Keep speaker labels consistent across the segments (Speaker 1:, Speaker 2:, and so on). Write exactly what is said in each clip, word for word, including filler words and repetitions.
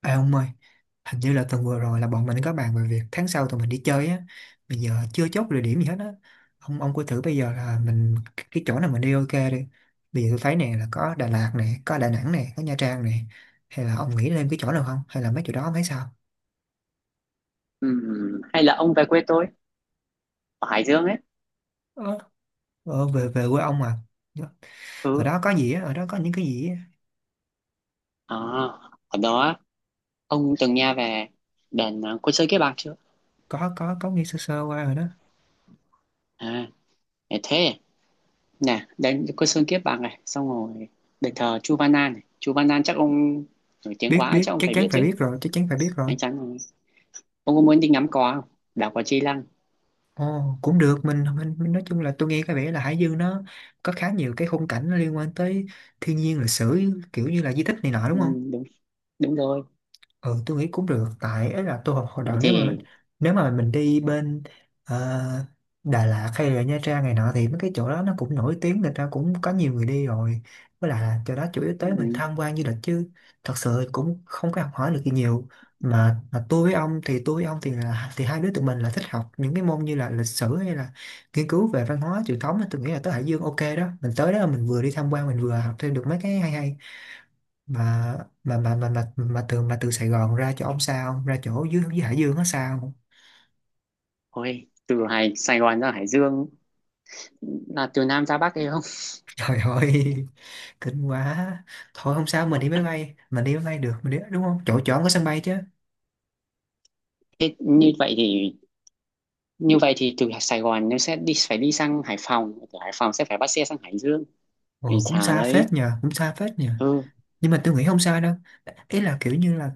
Speaker 1: À ông ơi, hình như là tuần vừa rồi là bọn mình có bàn về việc tháng sau tụi mình đi chơi á, bây giờ chưa chốt địa điểm gì hết á. Ông ông cứ thử bây giờ là mình cái chỗ nào mình đi ok đi. Bây giờ tôi thấy nè là có Đà Lạt nè, có Đà Nẵng nè, có Nha Trang nè. Hay là ông nghĩ lên cái chỗ nào không? Hay là mấy chỗ đó ông thấy sao?
Speaker 2: Ừm, hay là ông về quê tôi ở Hải Dương ấy.
Speaker 1: Ờ, ờ, về về quê ông mà. Dạ. Ở
Speaker 2: Ừ.
Speaker 1: đó có gì á, ở đó có những cái gì á.
Speaker 2: à, Ở đó ông từng nghe về đền, à, Côn Sơn Kiếp Bạc chưa?
Speaker 1: Có có có nghe sơ sơ qua rồi đó.
Speaker 2: À, để thế nè, đền Côn Sơn Kiếp Bạc này xong rồi đền thờ Chu Văn An này. Chu Văn An chắc ông nổi tiếng
Speaker 1: Biết
Speaker 2: quá chắc
Speaker 1: biết
Speaker 2: ông
Speaker 1: chắc
Speaker 2: phải biết
Speaker 1: chắn phải
Speaker 2: chứ.
Speaker 1: biết rồi, chắc chắn phải biết rồi.
Speaker 2: Anh chắn rồi. Ông có muốn đi ngắm cò không? Đảo cò Chi Lăng.
Speaker 1: Ồ, cũng được mình, mình mình nói chung là tôi nghe có vẻ là Hải Dương nó có khá nhiều cái khung cảnh nó liên quan tới thiên nhiên lịch sử kiểu như là di tích này nọ
Speaker 2: Ừ,
Speaker 1: đúng không?
Speaker 2: đúng đúng rồi.
Speaker 1: Ừ, tôi nghĩ cũng được tại ấy là tôi học hồi đầu
Speaker 2: Vậy
Speaker 1: nếu mà mình,
Speaker 2: thì
Speaker 1: nếu mà mình đi bên ờ, Đà Lạt hay là Nha Trang này nọ thì mấy cái chỗ đó nó cũng nổi tiếng người ta cũng có nhiều người đi rồi với lại là chỗ đó chủ yếu
Speaker 2: ừ,
Speaker 1: tới mình tham quan du lịch chứ thật sự cũng không có học hỏi được gì nhiều mà, mà tôi với ông thì tôi với ông thì là thì hai đứa tụi mình là thích học những cái môn như là lịch sử hay là nghiên cứu về văn hóa truyền thống á, tôi nghĩ là tới Hải Dương ok đó mình tới đó là mình vừa đi tham quan mình vừa học thêm được mấy cái hay hay mà mà mà mà mà, mà từ mà từ Sài Gòn ra chỗ ông sao không? Ra chỗ dưới dưới Hải Dương nó sao không?
Speaker 2: ôi từ Hải Sài Gòn ra Hải Dương là từ Nam ra Bắc hay không?
Speaker 1: Trời ơi, kinh quá. Thôi không sao mình đi máy bay mình đi máy bay được mình đi đúng không chỗ chỗ ông có sân bay chứ.
Speaker 2: Thế như vậy thì Như vậy thì từ Sài Gòn nó sẽ đi phải đi sang Hải Phòng, từ Hải Phòng sẽ phải bắt xe sang Hải Dương. Thì
Speaker 1: Ồ cũng
Speaker 2: xà
Speaker 1: xa
Speaker 2: đấy.
Speaker 1: phết nhờ cũng xa phết nhờ,
Speaker 2: Ừ,
Speaker 1: nhưng mà tôi nghĩ không sao đâu. Ý là kiểu như là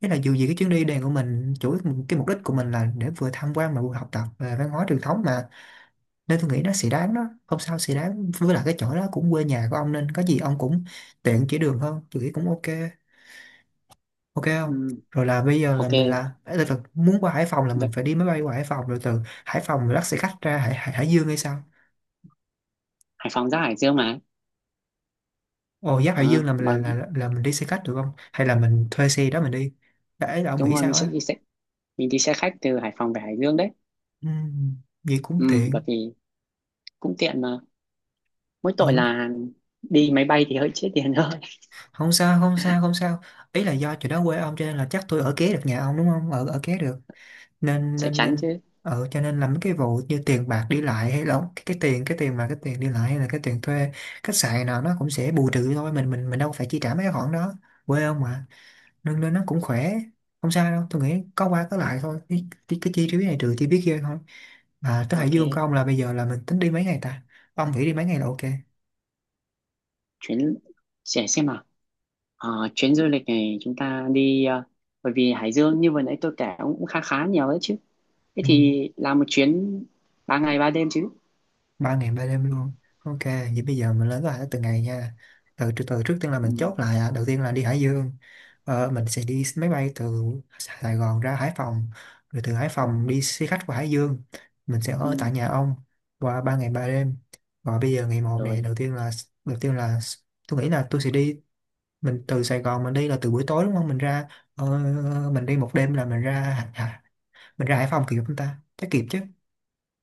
Speaker 1: ý là dù gì cái chuyến đi này của mình chủ yếu cái mục đích của mình là để vừa tham quan mà vừa học tập về văn hóa truyền thống mà nên tôi nghĩ nó sẽ đáng đó không sao sẽ đáng với lại cái chỗ đó cũng quê nhà của ông nên có gì ông cũng tiện chỉ đường hơn tôi nghĩ cũng ok. Ok không?
Speaker 2: ừ,
Speaker 1: Rồi là bây giờ là
Speaker 2: ok.
Speaker 1: mình là tức là muốn qua Hải Phòng là mình
Speaker 2: Vậy
Speaker 1: phải đi máy bay qua Hải Phòng rồi từ Hải Phòng mình bắt xe khách ra Hải, Hải, Hải Dương hay sao.
Speaker 2: Hải Phòng ra Hải Dương mà.
Speaker 1: Ồ giáp Hải
Speaker 2: Ờ,
Speaker 1: Dương là mình là,
Speaker 2: mà
Speaker 1: là là mình đi xe khách được không hay là mình thuê xe đó mình đi, đấy là ông
Speaker 2: đúng
Speaker 1: nghĩ
Speaker 2: rồi, mình
Speaker 1: sao
Speaker 2: sẽ
Speaker 1: á.
Speaker 2: đi xe mình đi xe khách từ Hải Phòng về Hải Dương đấy.
Speaker 1: Ừ, vậy cũng
Speaker 2: Ừ,
Speaker 1: tiện.
Speaker 2: bởi vì cũng tiện mà, mỗi tội
Speaker 1: Không,
Speaker 2: là đi máy bay thì hơi chết tiền thôi.
Speaker 1: không sao không sao không sao. Ý là do chỗ đó quê ông cho nên là chắc tôi ở kế được nhà ông đúng không ở ở kế được nên
Speaker 2: Chắc
Speaker 1: nên
Speaker 2: chắn
Speaker 1: nên
Speaker 2: chứ.
Speaker 1: ờ cho nên là mấy cái vụ như tiền bạc đi lại hay là cái, cái tiền cái tiền mà cái tiền đi lại hay là cái tiền thuê khách sạn nào nó cũng sẽ bù trừ thôi mình mình mình đâu phải chi trả mấy cái khoản đó, quê ông mà, nên nên nó cũng khỏe. Không sao đâu tôi nghĩ có qua có lại thôi cái, cái, cái chi phí này trừ
Speaker 2: Ừ,
Speaker 1: chi phí kia thôi. Mà tới Hải
Speaker 2: ok.
Speaker 1: Dương của ông là bây giờ là mình tính đi mấy ngày ta, ông nghĩ đi mấy ngày là ok?
Speaker 2: Chuyến, sẽ xem nào. Ờ, chuyến du lịch này chúng ta đi ờ, bởi vì Hải Dương như vừa nãy tôi kể cũng khá khá nhiều đấy chứ, thế
Speaker 1: Ừ.
Speaker 2: thì làm một chuyến ba ngày ba đêm chứ.
Speaker 1: Ba ngày ba đêm luôn, ok vậy bây giờ mình lên kế hoạch từng ngày nha. Từ từ từ trước tiên là mình
Speaker 2: Ừ,
Speaker 1: chốt lại à. Đầu tiên là đi Hải Dương, ờ, mình sẽ đi máy bay từ Sài Gòn ra Hải Phòng rồi từ Hải
Speaker 2: ừ,
Speaker 1: Phòng đi xe khách qua Hải Dương, mình sẽ ở
Speaker 2: ừ,
Speaker 1: tại nhà ông qua ba ngày ba đêm. Và bây giờ ngày một
Speaker 2: rồi.
Speaker 1: này đầu tiên là đầu tiên là tôi nghĩ là tôi sẽ đi, mình từ Sài Gòn mình đi là từ buổi tối đúng không mình ra, ờ, mình đi một đêm là mình ra mình ra Hải Phòng kịp không ta chắc kịp chứ.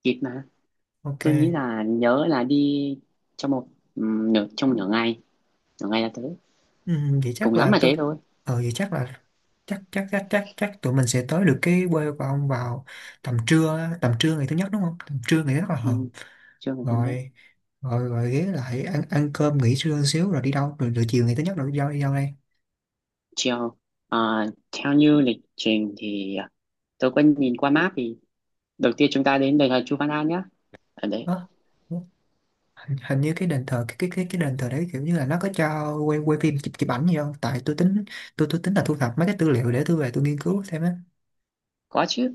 Speaker 2: Kịp mà.
Speaker 1: Ok.
Speaker 2: Tôi nghĩ là nhớ là đi trong một, ừ, nửa trong nửa ngày, nửa ngày là tới.
Speaker 1: Ừ, vậy
Speaker 2: Cùng
Speaker 1: chắc
Speaker 2: lắm
Speaker 1: là
Speaker 2: là
Speaker 1: tôi
Speaker 2: thế thôi.
Speaker 1: ờ vậy chắc là chắc chắc chắc chắc chắc tụi mình sẽ tới được cái quê của ông vào tầm trưa á, tầm trưa ngày thứ nhất đúng không tầm trưa ngày thứ nhất là hợp.
Speaker 2: Ừ, chưa ngày nhất.
Speaker 1: Rồi rồi rồi ghé lại ăn ăn cơm nghỉ trưa xíu rồi đi đâu rồi, rồi chiều ngày thứ nhất rồi đi đâu đi đâu đây?
Speaker 2: Chiều à, theo như lịch trình thì à, tôi có nhìn qua map thì đầu tiên chúng ta đến đền thờ Chu Văn An nhé. Ở đấy
Speaker 1: Đó, hình, hình như cái đền thờ cái cái cái cái đền thờ đấy kiểu như là nó có cho quay quay phim chụp chụp ảnh gì không tại tôi tính tôi tôi tính là thu thập mấy cái tư liệu để tôi về tôi nghiên cứu thêm á.
Speaker 2: có chứ,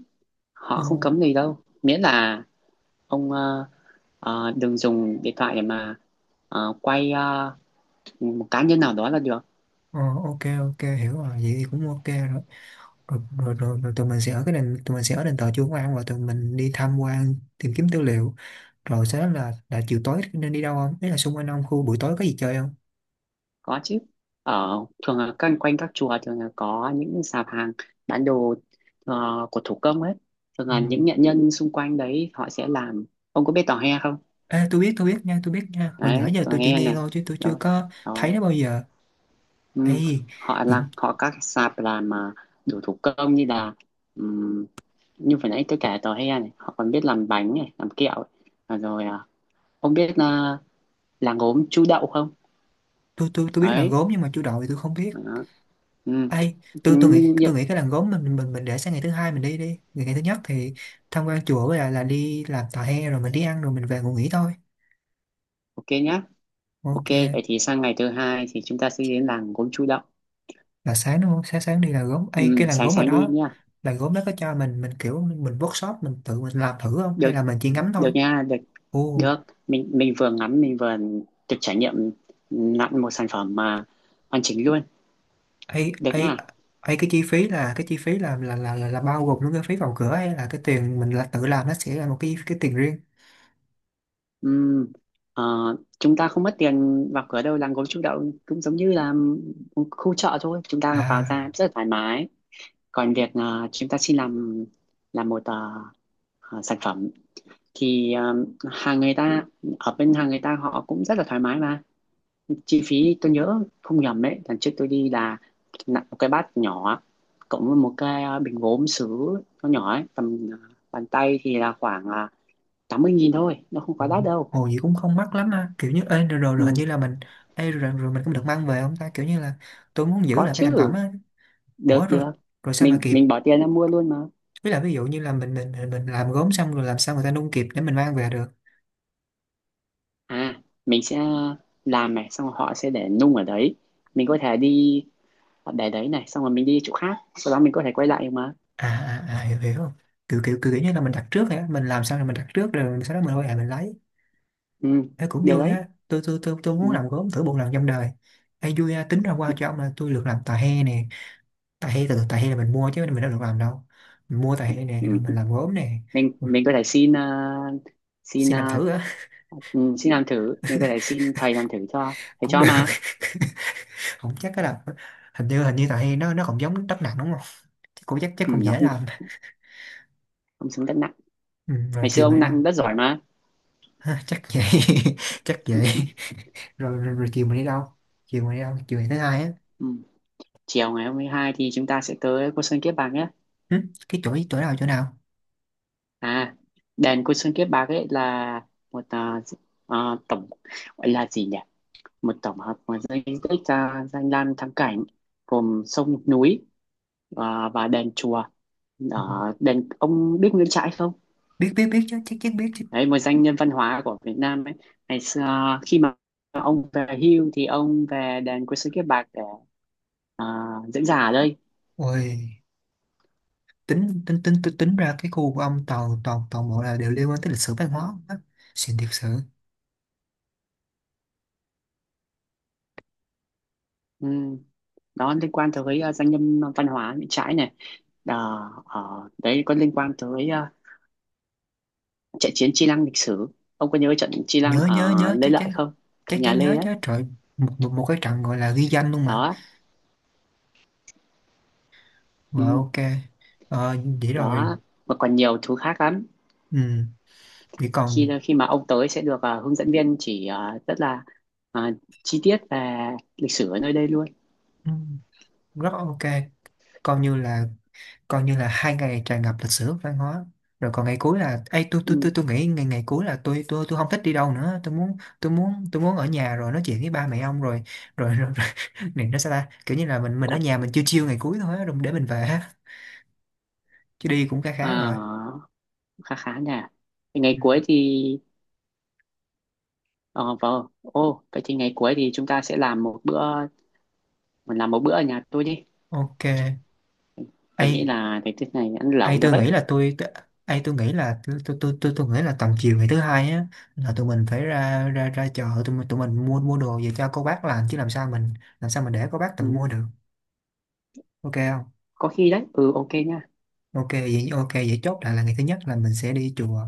Speaker 2: họ không
Speaker 1: Ừ,
Speaker 2: cấm gì đâu, miễn là ông ờ, ờ, đừng dùng điện thoại để mà ờ, quay ờ, một cá nhân nào đó là được.
Speaker 1: ờ, ok ok hiểu rồi vậy thì cũng ok rồi. rồi, rồi, rồi, rồi tụi mình sẽ ở cái nền tụi mình sẽ ở đền thờ Chúa Công An, rồi tụi mình đi tham quan tìm kiếm tư liệu rồi sau đó là là chiều tối nên đi đâu không đấy là xung quanh ông khu buổi tối có gì chơi không?
Speaker 2: Có chứ, ở thường là quanh quanh các chùa thường là có những sạp hàng bán đồ ờ, của thủ công ấy, thường
Speaker 1: Ừ.
Speaker 2: là những nghệ nhân xung quanh đấy họ sẽ làm. Ông có biết tò he không?
Speaker 1: Ê, tôi biết tôi biết nha tôi biết nha hồi nhỏ
Speaker 2: Đấy,
Speaker 1: giờ
Speaker 2: tò
Speaker 1: tôi chỉ
Speaker 2: he
Speaker 1: nghe
Speaker 2: này.
Speaker 1: thôi chứ tôi chưa
Speaker 2: Rồi.
Speaker 1: có thấy
Speaker 2: Rồi.
Speaker 1: nó bao giờ
Speaker 2: Ừ.
Speaker 1: ấy.
Speaker 2: Họ là họ các sạp làm mà, đồ thủ công như là ừm, như vừa nãy tôi kể tò he này, họ còn biết làm bánh này, làm kẹo ấy. À, rồi à, ông biết là làng gốm Chu Đậu không?
Speaker 1: Tôi tôi tôi biết là
Speaker 2: Đấy.
Speaker 1: gốm nhưng mà chú đội thì tôi không biết
Speaker 2: Đó. Ừ.
Speaker 1: ấy. Tôi tôi nghĩ
Speaker 2: Như- như-
Speaker 1: tôi nghĩ cái làng gốm mình mình mình để sang ngày thứ hai mình đi đi, ngày, ngày thứ nhất thì tham quan chùa với lại là đi làm tà he rồi mình đi ăn rồi mình về ngủ nghỉ thôi.
Speaker 2: ok nhá. Ok,
Speaker 1: Ok,
Speaker 2: vậy thì sang ngày thứ hai thì chúng ta sẽ đến làng gốm Chu Đậu.
Speaker 1: là sáng đúng không sáng sáng đi là gốm ấy
Speaker 2: Ừ,
Speaker 1: cái làm
Speaker 2: sáng
Speaker 1: gốm ở
Speaker 2: sáng đi
Speaker 1: đó,
Speaker 2: nhá.
Speaker 1: làm gốm đó có cho mình mình kiểu mình workshop mình tự mình làm thử không
Speaker 2: Được,
Speaker 1: hay là mình chỉ ngắm
Speaker 2: được
Speaker 1: thôi?
Speaker 2: nha, được,
Speaker 1: Ồ,
Speaker 2: được. Mình mình vừa ngắm, mình vừa được trải nghiệm nặn một sản phẩm mà hoàn chỉnh luôn.
Speaker 1: ấy
Speaker 2: Được
Speaker 1: ấy
Speaker 2: nha.
Speaker 1: ấy cái chi phí là cái chi phí là là là là, là bao gồm luôn cái phí vào cửa hay là cái tiền mình là tự làm nó sẽ là một cái cái tiền riêng?
Speaker 2: Ừ, ờ, chúng ta không mất tiền vào cửa đâu, làng gốm Chu Đậu cũng giống như là khu chợ thôi. Chúng ta vào ra
Speaker 1: À,
Speaker 2: rất là thoải mái. Còn việc ờ, chúng ta xin làm làm một, ờ, ờ, sản phẩm thì ờ, hàng người ta, ở bên hàng người ta họ cũng rất là thoải mái mà. Chi phí tôi nhớ không nhầm ấy, lần trước tôi đi là nặng một cái bát nhỏ cộng với một cái ờ, bình gốm sứ nó nhỏ ấy tầm à, bàn tay thì là khoảng à, tám mươi nghìn thôi, nó không quá
Speaker 1: ôi,
Speaker 2: đắt đâu.
Speaker 1: ồ gì cũng không mắc lắm ha kiểu như ê, rồi, rồi, rồi hình
Speaker 2: Ừ,
Speaker 1: như là mình ê, rồi, rồi mình cũng được mang về không ta kiểu như là tôi muốn giữ
Speaker 2: có
Speaker 1: lại cái thành phẩm
Speaker 2: chứ,
Speaker 1: á. Ủa
Speaker 2: được
Speaker 1: rồi
Speaker 2: được.
Speaker 1: rồi sao mà
Speaker 2: mình
Speaker 1: kịp
Speaker 2: mình bỏ tiền ra mua luôn mà.
Speaker 1: với là ví dụ như là mình mình mình mình làm gốm xong rồi làm sao người ta nung kịp để mình mang về được?
Speaker 2: À mình sẽ làm này xong rồi họ sẽ để nung ở đấy, mình có thể đi, để đấy này xong rồi mình đi chỗ khác sau đó mình có thể quay lại mà.
Speaker 1: À à à hiểu hiểu không, kiểu kiểu kiểu, kiểu như là mình đặt trước hả mình làm sao rồi mình đặt trước rồi sau đó mình quay lại mình lấy.
Speaker 2: Ừ,
Speaker 1: Ê, cũng
Speaker 2: được
Speaker 1: vui
Speaker 2: đấy.
Speaker 1: á, tôi tôi tôi tôi muốn
Speaker 2: Ừ.
Speaker 1: làm gốm thử một lần trong đời. Ê, vui á, tính ra qua
Speaker 2: Ừ.
Speaker 1: cho ông là tôi được làm tà he nè. Tà he từ từ tà he là mình mua chứ mình đâu được làm đâu, mình mua tà he nè rồi mình
Speaker 2: Ừ.
Speaker 1: làm gốm nè.
Speaker 2: mình
Speaker 1: Ui,
Speaker 2: mình có thể xin à, xin
Speaker 1: xin làm
Speaker 2: à,
Speaker 1: thử á?
Speaker 2: ừ, xin làm thử, mình có thể xin thầy làm thử cho. Thầy
Speaker 1: Cũng
Speaker 2: cho
Speaker 1: được.
Speaker 2: mà.
Speaker 1: Không chắc cái là hình như hình như tà he nó nó còn giống đất nặng đúng không, chắc cũng chắc chắc
Speaker 2: Ừ,
Speaker 1: cũng
Speaker 2: nó
Speaker 1: dễ
Speaker 2: cũng
Speaker 1: làm.
Speaker 2: không xuống đất nặng.
Speaker 1: Ừ, rồi
Speaker 2: Ngày xưa
Speaker 1: chiều
Speaker 2: ông
Speaker 1: mới đâu.
Speaker 2: nặng rất giỏi mà.
Speaker 1: Chắc vậy. chắc vậy. rồi, rồi, rồi chiều mình đi đâu chiều mình đi đâu chiều ngày thứ hai á?
Speaker 2: Ừ. Chiều ngày hai hai thì chúng ta sẽ tới Côn Sơn Kiếp Bạc nhé.
Speaker 1: Hử? Cái chỗ chỗ nào chỗ nào?
Speaker 2: À, đền Côn Sơn Kiếp Bạc ấy là một à, à, tổng, gọi là gì nhỉ, một tổng hợp của di tích à, danh lam thắng cảnh, gồm sông núi à, và đền chùa.
Speaker 1: Ừ.
Speaker 2: Ở đền ông biết Nguyễn Trãi không?
Speaker 1: biết biết biết chứ chắc chắn biết chứ.
Speaker 2: Đấy, một doanh nhân văn hóa của Việt Nam ấy. Ngày xưa khi mà ông về hưu thì ông về đền Quốc sư Kiếp Bạc để à, diễn giả ở đây.
Speaker 1: Ôi, tính tính tính tính, tính ra cái khu của ông toàn toàn toàn bộ là đều liên quan tới lịch sử văn hóa á. Xịn thiệt sự.
Speaker 2: Ừ. Đó liên quan tới à, doanh nhân văn hóa Nguyễn Trãi này. Đó, ờ, đấy có liên quan tới à, trận chiến Chi Lăng lịch sử. Ông có nhớ trận Chi Lăng
Speaker 1: nhớ
Speaker 2: ở
Speaker 1: nhớ nhớ
Speaker 2: Lê
Speaker 1: chắc
Speaker 2: Lợi
Speaker 1: chắn,
Speaker 2: không?
Speaker 1: chắc
Speaker 2: Thời nhà
Speaker 1: chắn nhớ
Speaker 2: Lê đấy.
Speaker 1: chứ trời. Một một, một cái trận gọi là ghi danh luôn mà.
Speaker 2: Đó.
Speaker 1: Rồi
Speaker 2: Ừ.
Speaker 1: ok. Ờ, vậy rồi.
Speaker 2: Đó. Mà còn nhiều thứ khác lắm.
Speaker 1: Ừ, vậy còn.
Speaker 2: Khi khi mà ông tới sẽ được à, hướng dẫn viên chỉ à, rất là à, chi tiết về lịch sử ở nơi đây luôn.
Speaker 1: Ừ, rất ok. Coi như là coi như là hai ngày tràn ngập lịch sử văn hóa. Rồi còn ngày cuối là ấy tôi tôi
Speaker 2: Ừ.
Speaker 1: tôi tôi nghĩ ngày ngày cuối là tôi tôi tôi không thích đi đâu nữa, tôi muốn tôi muốn tôi muốn ở nhà rồi nói chuyện với ba mẹ ông rồi rồi rồi, rồi. Này nó sao ta kiểu như là mình mình ở nhà mình chiêu chiêu ngày cuối thôi á, rồi để mình về á, chứ đi cũng khá khá rồi.
Speaker 2: À, khá khá nhỉ. Thì ngày
Speaker 1: Ừ.
Speaker 2: cuối thì ờ vâng. Ô, vậy thì ngày cuối thì chúng ta sẽ làm một bữa, mình làm một bữa ở nhà tôi đi.
Speaker 1: Ok.
Speaker 2: Tôi nghĩ
Speaker 1: Ai,
Speaker 2: là cái tiết này ăn
Speaker 1: ai
Speaker 2: lẩu được
Speaker 1: tôi
Speaker 2: ấy.
Speaker 1: nghĩ là tôi t- ai tôi nghĩ là tôi tôi tôi tôi, tôi nghĩ là tầm chiều ngày thứ hai á là tụi mình phải ra ra ra chợ tụi mình tụi mình mua mua đồ về cho cô bác làm chứ làm sao mình làm sao mình để cô bác tự
Speaker 2: Ừ,
Speaker 1: mua được. Ok không?
Speaker 2: có khi đấy. Ừ ok nha.
Speaker 1: Ok vậy ok vậy chốt lại là ngày thứ nhất là mình sẽ đi chùa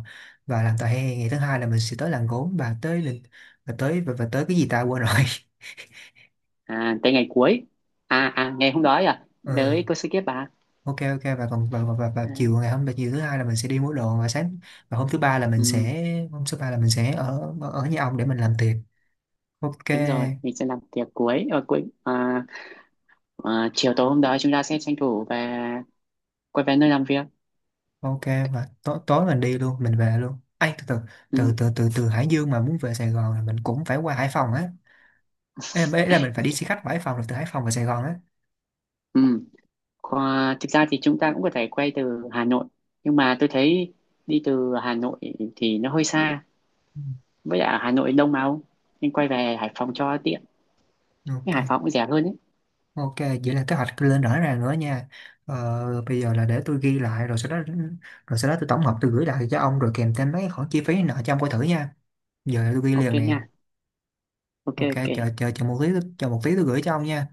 Speaker 1: và làm tòa hè, ngày thứ hai là mình sẽ tới làng gốm và tới lịch và tới và, và tới cái gì ta quên rồi.
Speaker 2: À tới ngày cuối. À à ngày hôm đó ấy à.
Speaker 1: Ừ,
Speaker 2: Đấy cô sẽ kiếp bà.
Speaker 1: ok ok và còn và, và, và, và
Speaker 2: Đấy.
Speaker 1: chiều ngày hôm và chiều thứ hai là mình sẽ đi mua đồ và sáng và hôm thứ ba là mình
Speaker 2: Ừ,
Speaker 1: sẽ hôm thứ ba là mình sẽ ở ở ở nhà ông để mình làm tiệc. Ok.
Speaker 2: đúng rồi, mình sẽ làm tiệc cuối ở cuối à, à, chiều tối hôm đó chúng ta sẽ tranh thủ về, quay về nơi làm việc.
Speaker 1: Ok, và tối tối mình đi luôn mình về luôn. Ai, từ từ từ
Speaker 2: Ừ.
Speaker 1: từ từ từ Hải Dương mà muốn về Sài Gòn là mình cũng phải qua Hải Phòng á. Ê, là ê, là mình phải đi xe khách qua Hải Phòng rồi từ Hải Phòng về Sài Gòn á.
Speaker 2: Ừ. Qua, thực ra thì chúng ta cũng có thể quay từ Hà Nội nhưng mà tôi thấy đi từ Hà Nội thì nó hơi xa,
Speaker 1: Ừ,
Speaker 2: với lại ở Hà Nội đông mà ông, nên quay về Hải Phòng cho tiện, cái
Speaker 1: ok.
Speaker 2: Hải Phòng cũng rẻ hơn ấy.
Speaker 1: Ok, vậy là kế hoạch lên rõ ràng nữa nha. Ờ, bây giờ là để tôi ghi lại rồi sau đó rồi sau đó tôi tổng hợp tôi gửi lại cho ông rồi kèm thêm mấy cái khoản chi phí nợ cho ông coi thử nha. Giờ tôi ghi
Speaker 2: Ok
Speaker 1: liền nè.
Speaker 2: nha. Ok.
Speaker 1: Ok, chờ
Speaker 2: Ok.
Speaker 1: chờ chờ một tí chờ một tí tôi gửi cho ông nha.